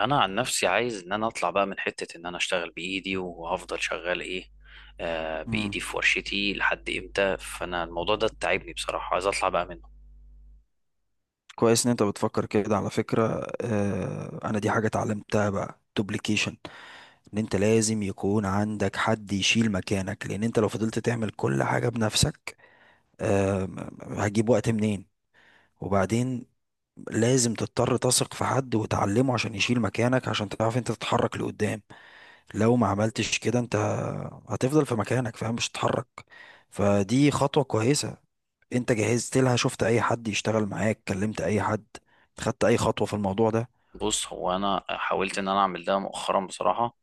انا عن نفسي عايز ان انا اطلع بقى من حتة ان انا اشتغل بايدي، وهفضل شغال ايه؟ آه مم. بايدي في ورشتي لحد امتى؟ فانا الموضوع ده تعبني بصراحة، عايز اطلع بقى منه. كويس ان انت بتفكر كده على فكرة، انا دي حاجة اتعلمتها بقى دوبليكيشن، ان انت لازم يكون عندك حد يشيل مكانك، لان انت لو فضلت تعمل كل حاجة بنفسك آه هتجيب وقت منين؟ وبعدين لازم تضطر تثق في حد وتعلمه عشان يشيل مكانك، عشان تعرف انت تتحرك لقدام. لو ما عملتش كده انت هتفضل في مكانك، فاهم؟ مش هتتحرك. فدي خطوة كويسة. انت جهزت لها؟ شفت اي حد يشتغل معاك؟ كلمت اي حد؟ خدت اي خطوة في الموضوع ده؟ بص، هو انا حاولت ان انا اعمل ده مؤخرا بصراحة.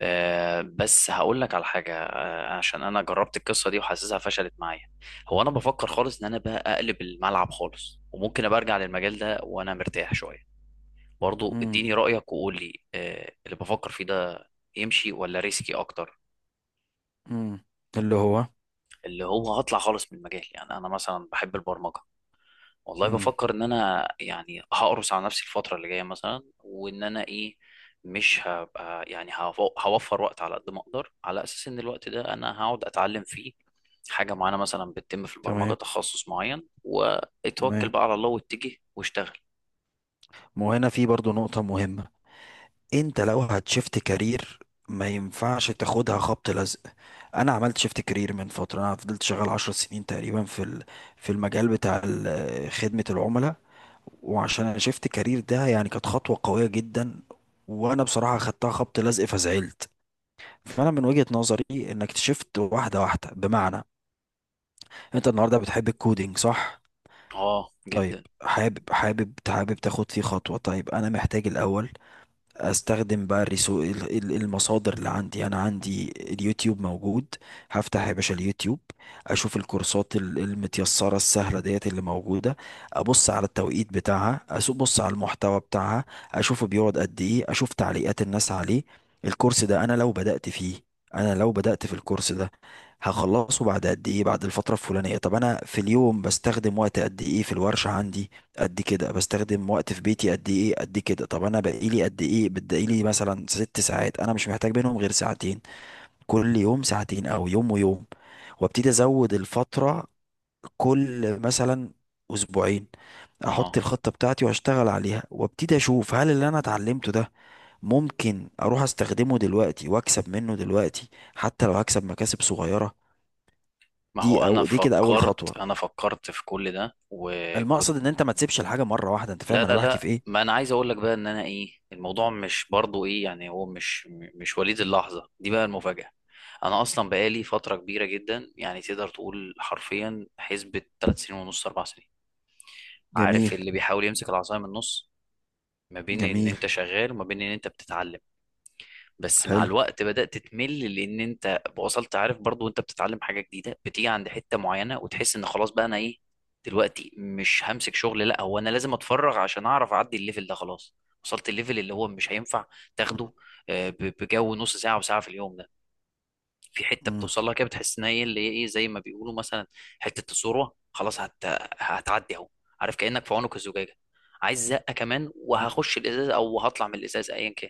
بس هقول لك على حاجة، عشان انا جربت القصة دي وحاسسها فشلت معايا. هو انا بفكر خالص ان انا بقى اقلب الملعب خالص، وممكن ابقى ارجع للمجال ده وانا مرتاح شوية. برضو امم اديني رأيك وقول لي اللي بفكر فيه ده يمشي ولا ريسكي اكتر؟ امم اللي هو اللي هو هطلع خالص من المجال، يعني انا مثلا بحب البرمجه. والله امم بفكر ان انا يعني هقرص على نفسي الفتره اللي جايه مثلا، وان انا ايه، مش هبقى يعني هوفر وقت على قد ما اقدر، على اساس ان الوقت ده انا هقعد اتعلم فيه حاجه معينه مثلا بتتم في البرمجه، تمام، تخصص معين، واتوكل تمام. بقى على الله واتجه واشتغل. ما هو هنا في برضو نقطة مهمة. انت لو هتشفت كارير ما ينفعش تاخدها خبط لزق. انا عملت شيفت كارير من فترة، انا فضلت شغال عشر سنين تقريبا في في المجال بتاع خدمة العملاء. وعشان انا شيفت كارير ده، يعني كانت خطوة قوية جدا، وانا بصراحة خدتها خبط لزق فزعلت. فانا من وجهة نظري انك تشفت واحده واحده، بمعنى انت النهارده بتحب الكودينج، صح؟ اه طيب، جدا. حابب حابب حابب تاخد فيه خطوه؟ طيب، انا محتاج الاول استخدم بقى الريسو المصادر اللي عندي. انا عندي اليوتيوب موجود، هفتح يا باشا اليوتيوب، اشوف الكورسات المتيسرة السهلة ديت اللي موجودة، ابص على التوقيت بتاعها، ابص على المحتوى بتاعها، اشوفه بيقعد قد ايه، اشوف تعليقات الناس عليه. الكورس ده انا لو بدأت في الكورس ده هخلصه بعد قد ايه، بعد الفترة الفلانية. طب انا في اليوم بستخدم وقت قد ايه في الورشة عندي؟ قد كده. بستخدم وقت في بيتي قد ايه؟ قد كده. طب انا بقيلي قد ايه؟ بتبقيلي مثلا ست ساعات، انا مش محتاج منهم غير ساعتين كل يوم، ساعتين او يوم ويوم، وابتدي ازود الفترة كل مثلا اسبوعين. احط اه، الخطة بتاعتي واشتغل عليها وابتدي اشوف هل اللي انا اتعلمته ده ممكن اروح استخدمه دلوقتي واكسب منه دلوقتي، حتى لو هكسب مكاسب صغيرة. ما هو دي انا او دي كده اول خطوة. فكرت انا فكرت في كل ده المقصد وكنت، ان انت ما تسيبش الحاجة مرة واحدة. انت لا فاهم انا لا بحكي في لا، ايه؟ ما انا عايز اقول لك بقى ان انا ايه، الموضوع مش برضو ايه يعني، هو مش وليد اللحظة دي بقى المفاجأة. انا اصلا بقالي فترة كبيرة جدا، يعني تقدر تقول حرفيا حسبة 3 سنين ونص، 4 سنين. جميل، عارف اللي بيحاول يمسك العصاية من النص، ما بين ان جميل. انت شغال وما بين ان انت بتتعلم؟ بس مع حلو. الوقت بدأت تمل، لأن أنت وصلت، عارف، برضو وأنت بتتعلم حاجة جديدة بتيجي عند حتة معينة وتحس إن خلاص بقى أنا إيه، دلوقتي مش همسك شغل لا، هو أنا لازم أتفرغ عشان أعرف أعدي الليفل ده. خلاص وصلت الليفل اللي هو مش هينفع مم. تاخده. آه، ب- بجو نص ساعة وساعة في اليوم ده في حتة مم. بتوصل لها كده، بتحس إن هي اللي هي إيه، زي ما بيقولوا مثلا حتة الثروة، خلاص هتعدي أهو. عارف كأنك في عنق الزجاجة، عايز زقة كمان مم. وهخش الإزاز أو هطلع من الإزاز أيا كان.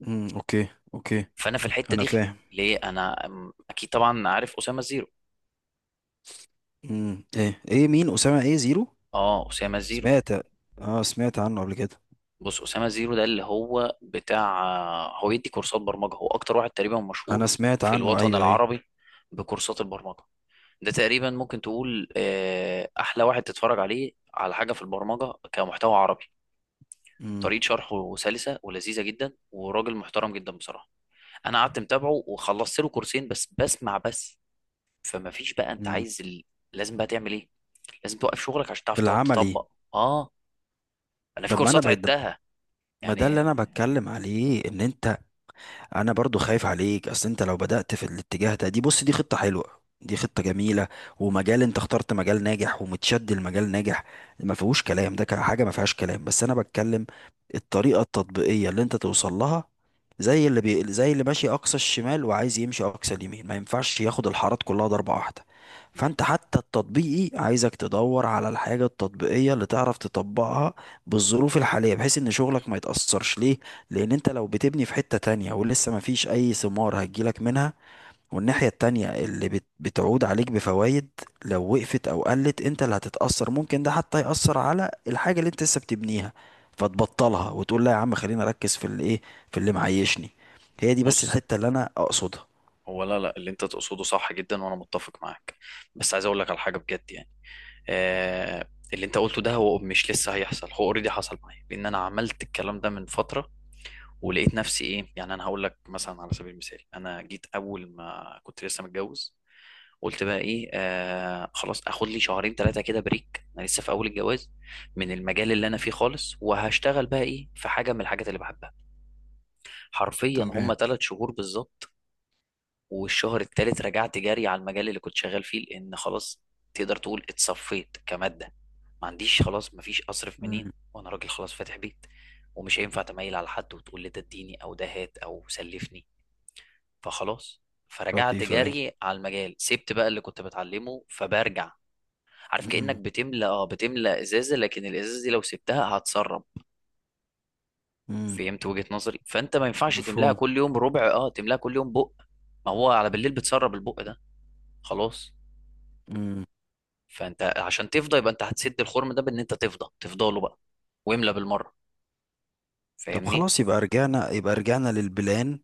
مم. اوكي، اوكي. فانا في الحته انا دي، فاهم. ليه انا اكيد طبعا عارف اسامه زيرو؟ مم. ايه ايه مين اسامه ايه زيرو؟ اه، اسامه زيرو. سمعت. اه، سمعت عنه قبل كده. بص، اسامه زيرو ده اللي هو بتاع، هو يدي كورسات برمجه، هو اكتر واحد تقريبا انا مشهور سمعت في عنه، الوطن ايوه ايوه. العربي بكورسات البرمجه. ده تقريبا ممكن تقول احلى واحد تتفرج عليه على حاجه في البرمجه كمحتوى عربي. مم. طريقه شرحه سلسه ولذيذه جدا، وراجل محترم جدا بصراحه. انا قعدت متابعه وخلصت له كورسين، بس بسمع بس. فما فيش بقى، انت مم. عايز لازم بقى تعمل ايه، لازم توقف شغلك عشان تعرف تقعد العملي. تطبق. اه، انا في طب ما انا كورسات بقيت، عدتها ما ده اللي يعني. انا بتكلم عليه. ان انت، انا برضو خايف عليك. اصل انت لو بدأت في الاتجاه ده، دي بص دي خطة حلوة، دي خطة جميلة، ومجال، انت اخترت مجال ناجح ومتشد، المجال ناجح ما فيهوش كلام، ده حاجة ما فيهاش كلام. بس انا بتكلم الطريقة التطبيقية اللي انت توصل لها. زي اللي ماشي اقصى الشمال وعايز يمشي اقصى اليمين، ما ينفعش ياخد الحارات كلها ضربة واحدة. مم. فانت حتى التطبيقي، عايزك تدور على الحاجة التطبيقية اللي تعرف تطبقها بالظروف الحالية، بحيث ان شغلك ما يتأثرش. ليه؟ لان انت لو بتبني في حتة تانية ولسه ما فيش اي ثمار هتجيلك منها، والناحية التانية اللي بتعود عليك بفوائد لو وقفت او قلت، انت اللي هتتأثر. ممكن ده حتى يأثر على الحاجة اللي انت لسه بتبنيها، فتبطلها وتقول لا يا عم خليني اركز في اللي ايه، في اللي معيشني. هي دي بس بص، الحتة اللي انا اقصدها. هو لا لا، اللي انت تقصده صح جدا وانا متفق معاك، بس عايز اقول لك على حاجه بجد يعني. اللي انت قلته ده هو مش لسه هيحصل، هو اوريدي حصل معايا لان انا عملت الكلام ده من فتره، ولقيت نفسي ايه. يعني انا هقول لك مثلا على سبيل المثال، انا جيت اول ما كنت لسه متجوز، قلت بقى ايه، خلاص اخد لي شهرين ثلاثه كده بريك، انا لسه في اول الجواز، من المجال اللي انا فيه خالص، وهشتغل بقى ايه في حاجه من الحاجات اللي بحبها. حرفيا تمام. هم 3 شهور بالظبط، والشهر الثالث رجعت جري على المجال اللي كنت شغال فيه، لان خلاص، تقدر تقول اتصفيت كماده، ما عنديش خلاص، ما فيش اصرف منين، مم. وانا راجل خلاص فاتح بيت، ومش هينفع تميل على حد وتقول لي ده اديني او ده هات او سلفني. فخلاص، فرجعت لطيفة، أيوة. جري على المجال، سبت بقى اللي كنت بتعلمه فبرجع. عارف كأنك مم. بتملى، اه، بتملى ازازة، لكن الازازة دي لو سبتها هتسرب. مم. فهمت وجهة نظري؟ فانت ما ينفعش تملاها مفهوم. كل يوم ربع، اه، تملاها كل يوم بق، ما هو على بالليل بتسرب البق ده، خلاص. مم. فانت عشان تفضى، يبقى انت هتسد الخرم ده بان انت تفضى تفضله بقى واملى بالمرة. طب فاهمني؟ خلاص، يبقى رجعنا، يبقى رجعنا للبلان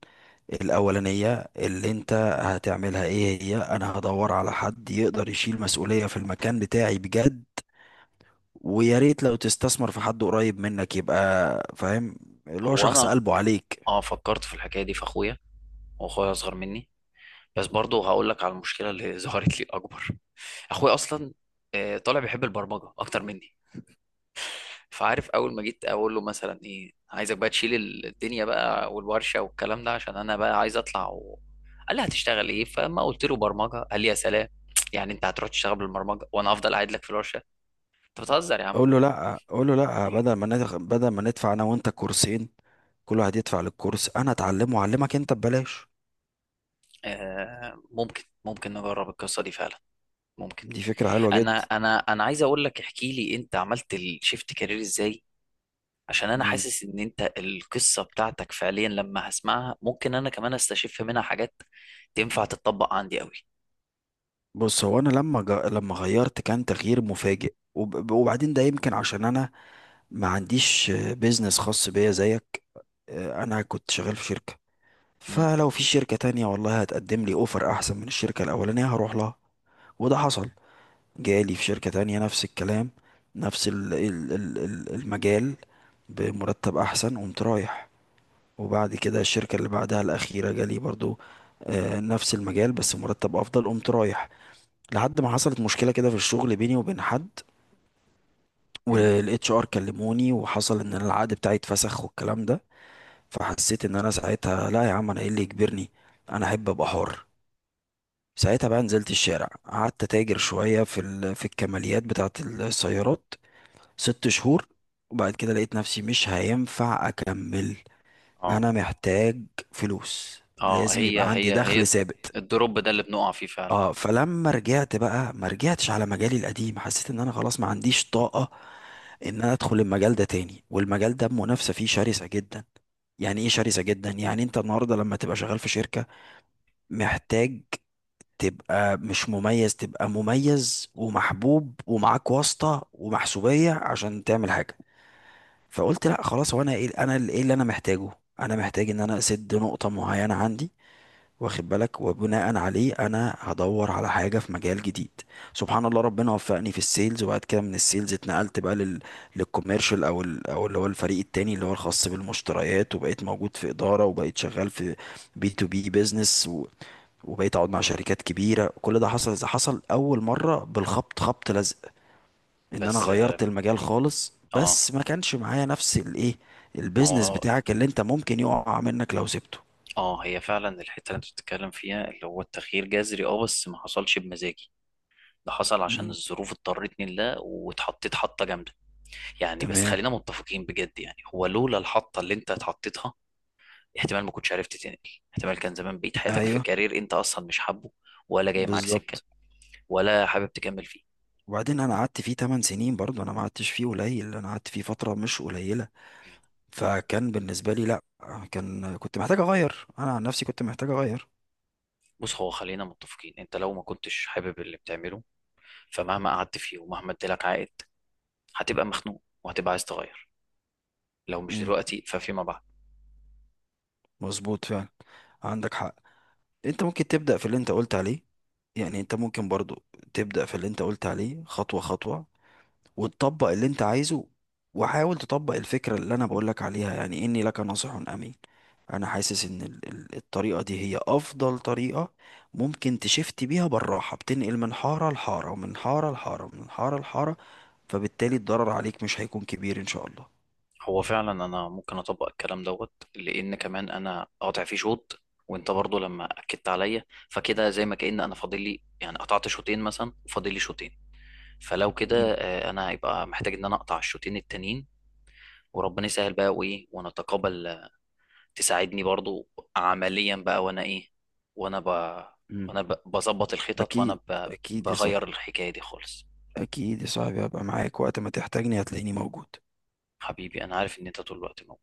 الأولانية. اللي انت هتعملها ايه هي: انا هدور على حد يقدر يشيل مسؤولية في المكان بتاعي بجد، ويا ريت لو تستثمر في حد قريب منك، يبقى فاهم، اللي هو هو شخص انا، قلبه عليك. اه، فكرت في الحكاية دي في اخويا، واخويا اصغر مني، بس برضه هقول لك على المشكلة اللي ظهرت لي اكبر. اخويا اصلا طالع بيحب البرمجه اكتر مني. فعارف اول ما جيت اقول له مثلا ايه، عايزك بقى تشيل الدنيا بقى والورشه والكلام ده عشان انا بقى عايز اطلع قال لي هتشتغل ايه، فما قلت له برمجه، قال لي يا سلام، يعني انت هتروح تشتغل بالبرمجه وانا هفضل قاعد لك في الورشه، انت بتهزر يا عم. قول له لا، قول له لا، بدل ما بدل ما ندفع انا وانت كورسين، كل واحد يدفع للكورس، انا اتعلمه واعلمك انت ببلاش. آه ممكن نجرب القصه دي فعلا، ممكن. دي فكرة حلوة انا جدا. انا انا عايز اقول لك، احكي لي انت عملت الشيفت كارير ازاي، عشان انا حاسس ان انت القصه بتاعتك فعليا لما هسمعها ممكن انا كمان استشف منها حاجات تنفع تتطبق عندي قوي. بص، هو انا لما لما غيرت كان تغيير مفاجئ وبعدين ده يمكن عشان انا ما عنديش بيزنس خاص بيا زيك. آه، انا كنت شغال في شركة، امم. فلو في شركة تانية والله هتقدم لي اوفر احسن من الشركة الاولانية هروح لها. وده حصل، جالي في شركة تانية نفس الكلام، نفس المجال بمرتب احسن، قمت رايح. وبعد كده الشركة اللي بعدها الاخيرة جالي برضو آه، نفس المجال بس مرتب افضل، قمت رايح. لحد ما حصلت مشكلة كده في الشغل بيني وبين حد، امم. والاتش ار كلموني وحصل ان أنا العقد بتاعي اتفسخ والكلام ده. فحسيت ان انا ساعتها لا يا عم، انا ايه اللي يجبرني؟ انا احب ابقى حر. ساعتها بقى نزلت الشارع، قعدت تاجر شوية في في الكماليات بتاعة السيارات، ست شهور. وبعد كده لقيت نفسي مش هينفع اكمل، اه. انا محتاج فلوس، اه، لازم هي يبقى عندي هي دخل هي ثابت. الدروب ده اللي بنقع فيه فعلا. اه، فلما رجعت بقى ما رجعتش على مجالي القديم. حسيت ان انا خلاص ما عنديش طاقة ان انا ادخل المجال ده تاني، والمجال ده المنافسة فيه شرسة جدا. يعني ايه شرسة جدا؟ يعني انت النهاردة لما تبقى شغال في شركة محتاج تبقى مش مميز، تبقى مميز ومحبوب ومعاك واسطة ومحسوبية عشان تعمل حاجة. فقلت لا خلاص، هو انا ايه، انا ايه اللي انا محتاجه؟ انا محتاج ان انا اسد نقطة معينة عندي، واخد بالك؟ وبناء عليه انا هدور على حاجه في مجال جديد. سبحان الله، ربنا وفقني في السيلز، وبعد كده من السيلز اتنقلت بقى للكوميرشال، او او اللي هو الفريق التاني اللي هو الخاص بالمشتريات، وبقيت موجود في اداره، وبقيت شغال في بي تو بي بيزنس وبقيت اقعد مع شركات كبيره. كل ده حصل اذا حصل اول مره بالخبط خبط لزق، ان انا بس، غيرت المجال خالص، اه. بس ما كانش معايا نفس الايه، ما البيزنس هو، بتاعك اللي انت ممكن يقع منك لو سبته. اه، هي فعلا الحته اللي انت بتتكلم فيها اللي هو التغيير جذري، اه، بس ما حصلش بمزاجي، ده حصل عشان مم. الظروف اضطرتني لده، واتحطيت حطه جامده يعني. بس تمام، خلينا متفقين بجد يعني، هو لولا الحطه اللي انت اتحطيتها، احتمال ما كنتش عرفت تنقل، احتمال كان زمان بقيت حياتك في ايوه، كارير انت اصلا مش حابه، ولا جاي معاك سكه، بالظبط. ولا حابب تكمل فيه. وبعدين انا قعدت فيه 8 سنين برضه، انا ما قعدتش فيه قليل، انا قعدت فيه فتره مش قليله. فكان بالنسبه لي لا، كان كنت محتاج اغير، انا عن نفسي كنت محتاج اغير. بص، هو خلينا متفقين، انت لو ما كنتش حابب اللي بتعمله، فمهما قعدت فيه ومهما ادالك عائد، هتبقى مخنوق وهتبقى عايز تغير، لو مش امم، دلوقتي ففيما بعد. مظبوط فعلا، عندك حق. انت ممكن تبدا في اللي انت قلت عليه، يعني انت ممكن برضه تبدا في اللي انت قلت عليه خطوه خطوه، وتطبق اللي انت عايزه. وحاول تطبق الفكرة اللي انا بقولك عليها، يعني اني لك ناصح امين. انا حاسس ان الطريقة دي هي افضل طريقة ممكن تشفت بيها بالراحة، بتنقل من حارة لحارة، ومن حارة لحارة، ومن حارة لحارة، فبالتالي الضرر عليك مش هيكون كبير ان شاء الله. هو فعلا انا ممكن اطبق الكلام دوت، لان كمان انا قاطع فيه شوط، وانت برضه لما اكدت عليا، فكده زي ما كأن انا فاضل لي يعني، قطعت شوطين مثلا وفاضل لي شوطين. فلو م- كده انا هيبقى محتاج ان انا اقطع الشوطين التانيين وربنا يسهل بقى، وايه، ونتقابل، تساعدني برضو عمليا بقى، وانا ايه، وانا ب... م. بظبط الخطط، اكيد، اكيد يا صاحبي، بغير الحكاية دي خالص. اكيد يا صاحبي. هبقى معاك وقت ما تحتاجني هتلاقيني موجود. حبيبي انا عارف ان انت طول الوقت موجود.